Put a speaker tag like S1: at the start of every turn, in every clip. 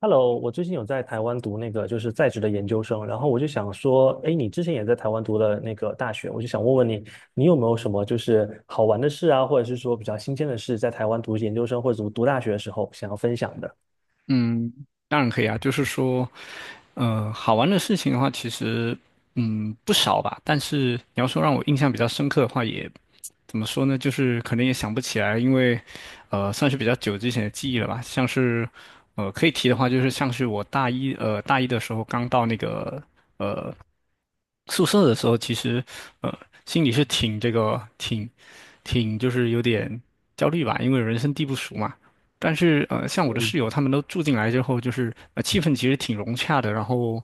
S1: Hello，我最近有在台湾读那个就是在职的研究生，然后我就想说，哎，你之前也在台湾读了那个大学，我就想问问你，你有没有什么就是好玩的事啊，或者是说比较新鲜的事，在台湾读研究生或者读大学的时候想要分享的？
S2: 嗯，当然可以啊，就是说，好玩的事情的话，其实不少吧。但是你要说让我印象比较深刻的话也，怎么说呢？就是可能也想不起来，因为算是比较久之前的记忆了吧。像是可以提的话，就是像是我大一大一的时候刚到那个宿舍的时候，其实呃心里是挺就是有点焦虑吧，因为人生地不熟嘛。但是像我的室友他们都住进来之后，就是气氛其实挺融洽的，然后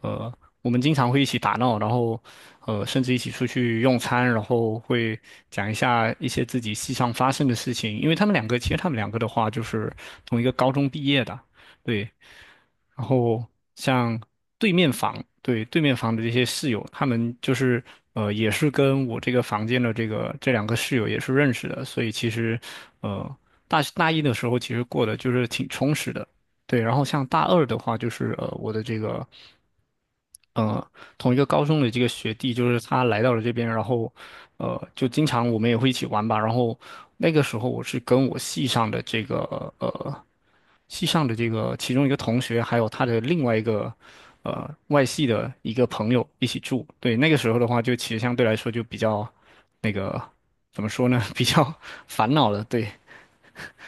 S2: 呃我们经常会一起打闹，然后甚至一起出去用餐，然后会讲一下一些自己系上发生的事情，因为他们两个的话就是同一个高中毕业的，对。然后像对面房，对，对面房的这些室友，他们就是也是跟我这个房间的这个两个室友也是认识的，所以其实呃，大一的时候其实过得就是挺充实的，对。然后像大二的话，就是我的这个。呃，同一个高中的这个学弟，就是他来到了这边，然后，就经常我们也会一起玩吧。然后那个时候我是跟我系上的这个系上的这个其中一个同学，还有他的另外一个外系的一个朋友一起住。对，那个时候的话，就其实相对来说就比较那个怎么说呢，比较烦恼了。对。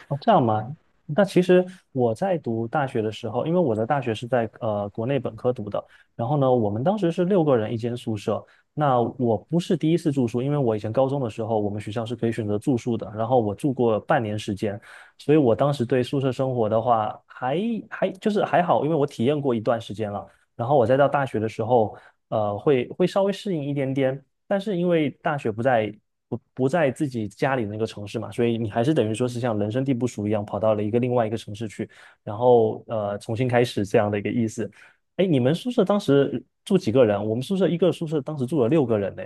S1: 哦，这样吗？那其实我在读大学的时候，因为我的大学是在国内本科读的，然后呢，我们当时是六个人一间宿舍。那我不是第一次住宿，因为我以前高中的时候，我们学校是可以选择住宿的，然后我住过半年时间，所以我当时对宿舍生活的话，还就是还好，因为我体验过一段时间了。然后我再到大学的时候，会稍微适应一点点，但是因为大学不在不在自己家里那个城市嘛，所以你还是等于说是像人生地不熟一样，跑到了一个另外一个城市去，然后重新开始这样的一个意思。哎，你们宿舍当时住几个人？我们宿舍一个宿舍当时住了六个人呢。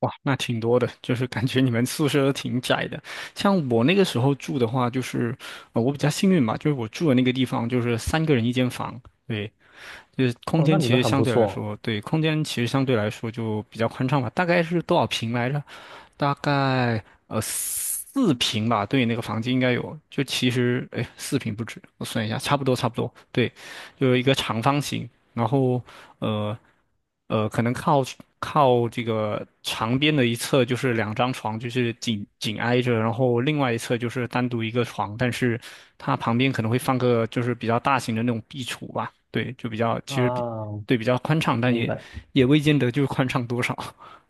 S2: 哇，那挺多的，就是感觉你们宿舍都挺窄的。像我那个时候住的话，就是，我比较幸运吧，就是我住的那个地方就是三个人一间房，对，
S1: 哦，那你们很不错
S2: 空间其实相对来说就比较宽敞吧。大概是多少平来着？大概四平吧，对，那个房间应该有，就其实哎四平不止，我算一下，差不多，对，就是一个长方形，然后呃可能靠这个长边的一侧就是两张床，就是紧紧挨着，然后另外一侧就是单独一个床，但是它旁边可能会放个就是比较大型的那种壁橱吧，对，就比较其实比
S1: 啊，
S2: 对比较宽敞，但
S1: 明
S2: 也
S1: 白。
S2: 也未见得就是宽敞多少。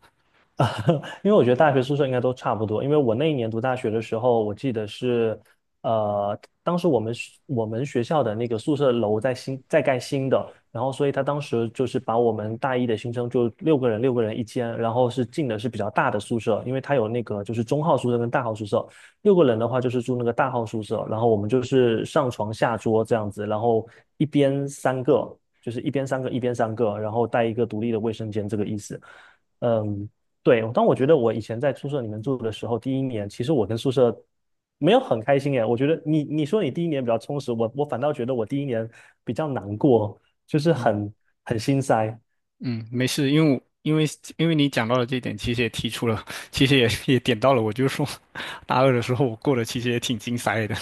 S1: 因为我觉得大学宿舍应该都差不多。因为我那一年读大学的时候，我记得是，呃，当时我们学校的那个宿舍楼在盖新的，然后所以他当时就是把我们大一的新生就六个人一间，然后是进的是比较大的宿舍，因为他有那个就是中号宿舍跟大号宿舍，六个人的话就是住那个大号宿舍，然后我们就是上床下桌这样子，然后一边三个，就是一边三个，然后带一个独立的卫生间这个意思。嗯，对，当我觉得我以前在宿舍里面住的时候，第一年其实我跟宿舍没有很开心耶。我觉得你说你第一年比较充实，我反倒觉得我第一年比较难过，就是
S2: 嗯。
S1: 很很心塞。
S2: 嗯，没事，因为我因为因为你讲到了这一点，其实也提出了，其实也也点到了，我就说 大二的时候我过得其实也挺精彩的。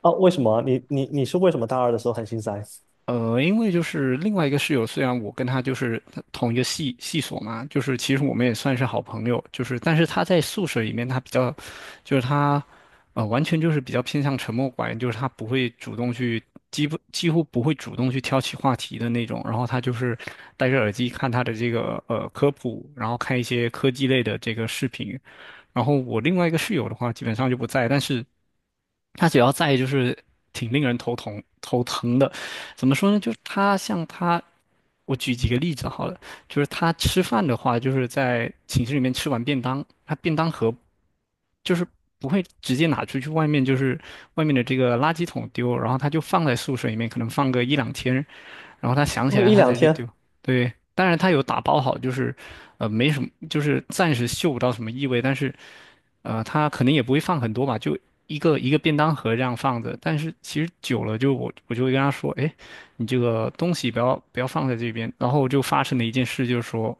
S1: 哦，为什么？你是为什么大二的时候很心塞？
S2: 因为就是另外一个室友，虽然我跟他就是同一个系所嘛，就是其实我们也算是好朋友，就是但是他在宿舍里面，他比较，就是他，完全就是比较偏向沉默寡言，就是他不会主动去，几乎不会主动去挑起话题的那种，然后他就是戴着耳机看他的这个科普，然后看一些科技类的这个视频，然后我另外一个室友的话，基本上就不在，但是。他主要在意就是挺令人头疼的。怎么说呢？就是他像他，我举几个例子好了，就是他吃饭的话，就是在寝室里面吃完便当，他便当盒就是不会直接拿出去外面，就是外面的这个垃圾桶丢，然后他就放在宿舍里面，可能放个一两天，然后他想起
S1: 过
S2: 来
S1: 一
S2: 他
S1: 两
S2: 才去
S1: 天
S2: 丢。对，当然他有打包好，就是，没什么，就是暂时嗅不到什么异味，但是，他可能也不会放很多吧，就一个一个便当盒这样放着。但是其实久了就，我就会跟他说，哎，你这个东西不要放在这边。然后就发生了一件事，就是说，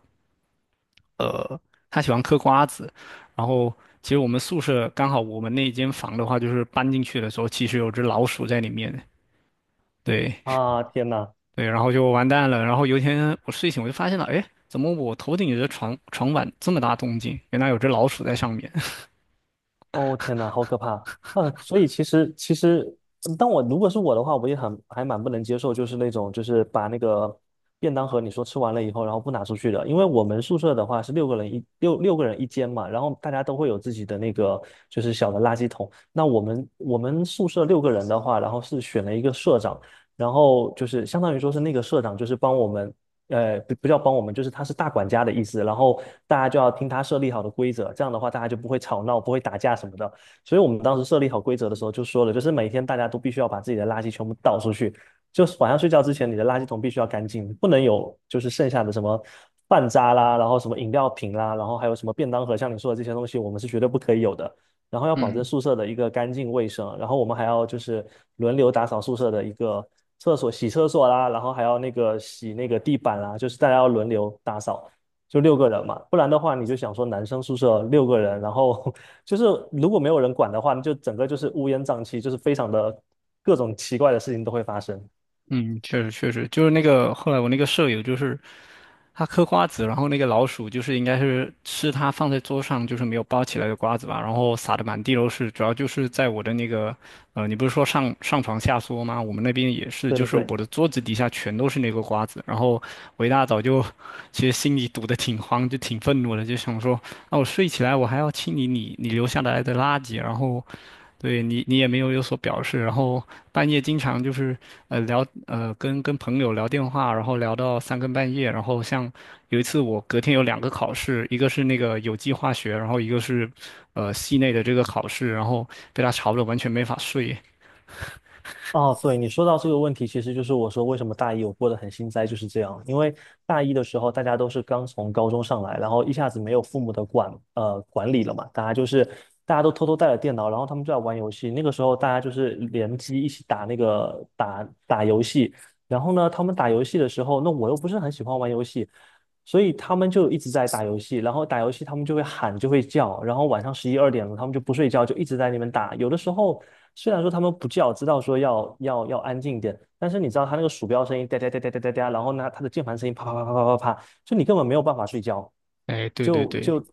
S2: 呃，他喜欢嗑瓜子，然后其实我们宿舍刚好我们那一间房的话，就是搬进去的时候，其实有只老鼠在里面。对，
S1: 啊，天呐，
S2: 对，然后就完蛋了。然后有一天我睡醒，我就发现了，哎，怎么我头顶的床板这么大动静？原来有只老鼠在上面。
S1: 哦，天哪，好可怕！所以其实,当我如果是我的话，我也很还蛮不能接受，就是那种就是把那个便当盒你说吃完了以后，然后不拿出去的。因为我们宿舍的话是六个人一间嘛，然后大家都会有自己的那个就是小的垃圾桶。那我们宿舍六个人的话，然后是选了一个社长，然后就是相当于说是那个社长就是帮我们呃，不不叫帮我们，就是他是大管家的意思，然后大家就要听他设立好的规则，这样的话大家就不会吵闹，不会打架什么的。所以我们当时设立好规则的时候就说了，就是每天大家都必须要把自己的垃圾全部倒出去，就是晚上睡觉之前你的垃圾桶必须要干净，不能有就是剩下的什么饭渣啦，然后什么饮料瓶啦，然后还有什么便当盒，像你说的这些东西，我们是绝对不可以有的。然后 要保证
S2: 嗯。
S1: 宿舍的一个干净卫生，然后我们还要就是轮流打扫宿舍的一个厕所，洗厕所啦，然后还要那个洗那个地板啦，就是大家要轮流打扫，就六个人嘛，不然的话你就想说男生宿舍六个人，然后 就是如果没有人管的话，你就整个就是乌烟瘴气，就是非常的各种奇怪的事情都会发生。
S2: 嗯，确实，就是那个后来我那个舍友，就是他嗑瓜子，然后那个老鼠就是应该是吃他放在桌上就是没有包起来的瓜子吧，然后撒的满地都是，主要就是在我的那个你不是说上床下桌吗？我们那边也是，
S1: 对
S2: 就
S1: 对
S2: 是我
S1: 对。
S2: 的桌子底下全都是那个瓜子，然后我一大早就其实心里堵得挺慌，就挺愤怒的，就想说那我睡起来我还要清理你留下来的垃圾，然后。对你，你也没有有所表示，然后半夜经常就是呃聊呃跟朋友聊电话，然后聊到三更半夜，然后像有一次我隔天有两个考试，一个是那个有机化学，然后一个是系内的这个考试，然后被他吵得完全没法睡。
S1: 哦，对，你说到这个问题，其实就是我说为什么大一我过得很心塞，就是这样。因为大一的时候，大家都是刚从高中上来，然后一下子没有父母的管理了嘛，大家都偷偷带了电脑，然后他们就在玩游戏。那个时候大家就是联机一起打打游戏，然后呢，他们打游戏的时候，那我又不是很喜欢玩游戏，所以他们就一直在打游戏，然后打游戏他们就会喊，就会叫，然后晚上十一二点了，他们就不睡觉，就一直在那边打。有的时候虽然说他们不叫，知道说要安静一点，但是你知道他那个鼠标声音哒哒哒哒哒哒哒，然后呢他的键盘声音啪啪啪啪啪啪啪，就你根本没有办法睡觉，
S2: 哎，对对
S1: 就
S2: 对，
S1: 就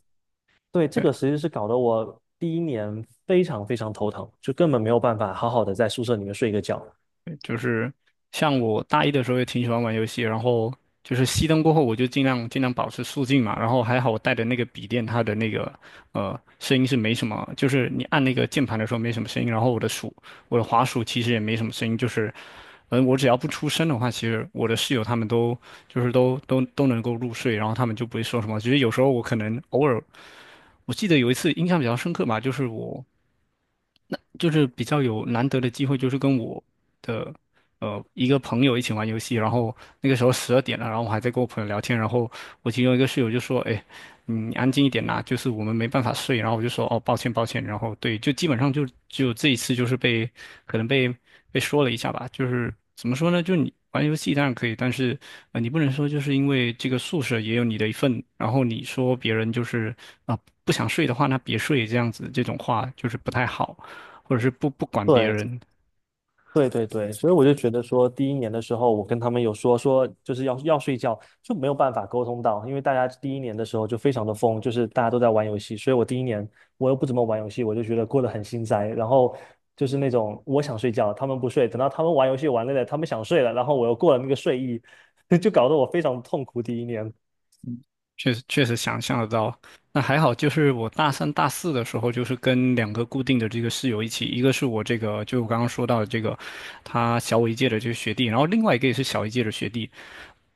S1: 对这个其实是搞得我第一年非常非常头疼，就根本没有办法好好的在宿舍里面睡一个觉。
S2: 就是像我大一的时候也挺喜欢玩游戏，然后就是熄灯过后，我就尽量保持肃静嘛。然后还好我带的那个笔电，它的那个声音是没什么，就是你按那个键盘的时候没什么声音，然后我的滑鼠其实也没什么声音，就是我只要不出声的话，其实我的室友他们就是都能够入睡，然后他们就不会说什么。其实有时候我可能偶尔。我记得有一次印象比较深刻吧，就是我就是比较有难得的机会，就是跟我的一个朋友一起玩游戏，然后那个时候十二点了，然后我还在跟我朋友聊天，然后我其中一个室友就说："哎，你安静一点啦，就是我们没办法睡。"然后我就说："哦，抱歉，抱歉。"然后对，就基本上就只有这一次，就是被可能被说了一下吧，就是怎么说呢？就你玩游戏当然可以，但是你不能说就是因为这个宿舍也有你的一份，然后你说别人就是啊、不想睡的话，那别睡这样子，这种话就是不太好。或者是不管别
S1: 对，
S2: 人，
S1: 对对对，所以我就觉得说，第一年的时候，我跟他们有说，就是睡觉，就没有办法沟通到，因为大家第一年的时候就非常的疯，就是大家都在玩游戏，所以我第一年又不怎么玩游戏，我就觉得过得很心塞。然后就是那种我想睡觉，他们不睡，等到他们玩游戏玩累了，他们想睡了，然后我又过了那个睡意，就搞得我非常痛苦。第一年
S2: 确实确实想象得到。那还好，就是我大三、大四的时候，就是跟两个固定的这个室友一起，一个是我这个就我刚刚说到的这个，他小我一届的这个学弟，然后另外一个也是小一届的学弟。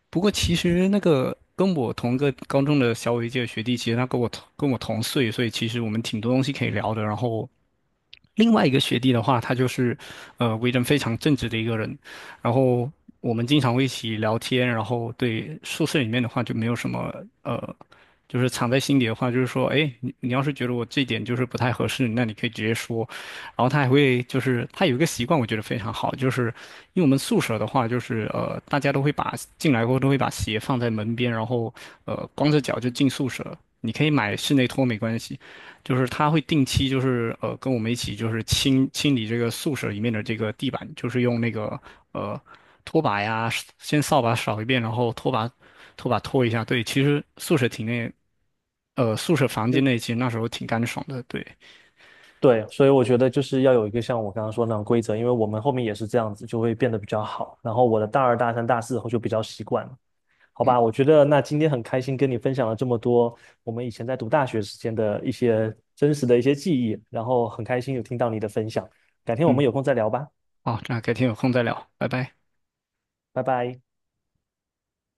S2: 不过其实那个跟我同个高中的小我一届的学弟，其实他跟我同岁，所以其实我们挺多东西可以聊的。然后另外一个学弟的话，他就是为人非常正直的一个人，然后我们经常会一起聊天，然后对宿舍里面的话就没有什么呃，就是藏在心底的话，就是说，哎，你要是觉得我这一点就是不太合适，那你可以直接说。然后他还会就是他有一个习惯，我觉得非常好，就是因为我们宿舍的话，就是大家都会把进来后都会把鞋放在门边，然后光着脚就进宿舍。你可以买室内拖没关系，就是他会定期就是跟我们一起就是清理这个宿舍里面的这个地板，就是用那个呃拖把呀，先扫把扫一遍，然后拖把拖一下。对，其实宿舍房
S1: 就
S2: 间内其实那时候挺干爽的。对，
S1: 对，所以我觉得就是要有一个像我刚刚说的那种规则，因为我们后面也是这样子，就会变得比较好。然后我的大二、大三、大四后就比较习惯。了。好
S2: 嗯
S1: 吧，我觉得那今天很开心跟你分享了这么多我们以前在读大学时间的一些真实的一些记忆，然后很开心有听到你的分享，改天我们
S2: 嗯，
S1: 有空再聊吧，
S2: 好，那改天有空再聊，拜拜。
S1: 拜拜。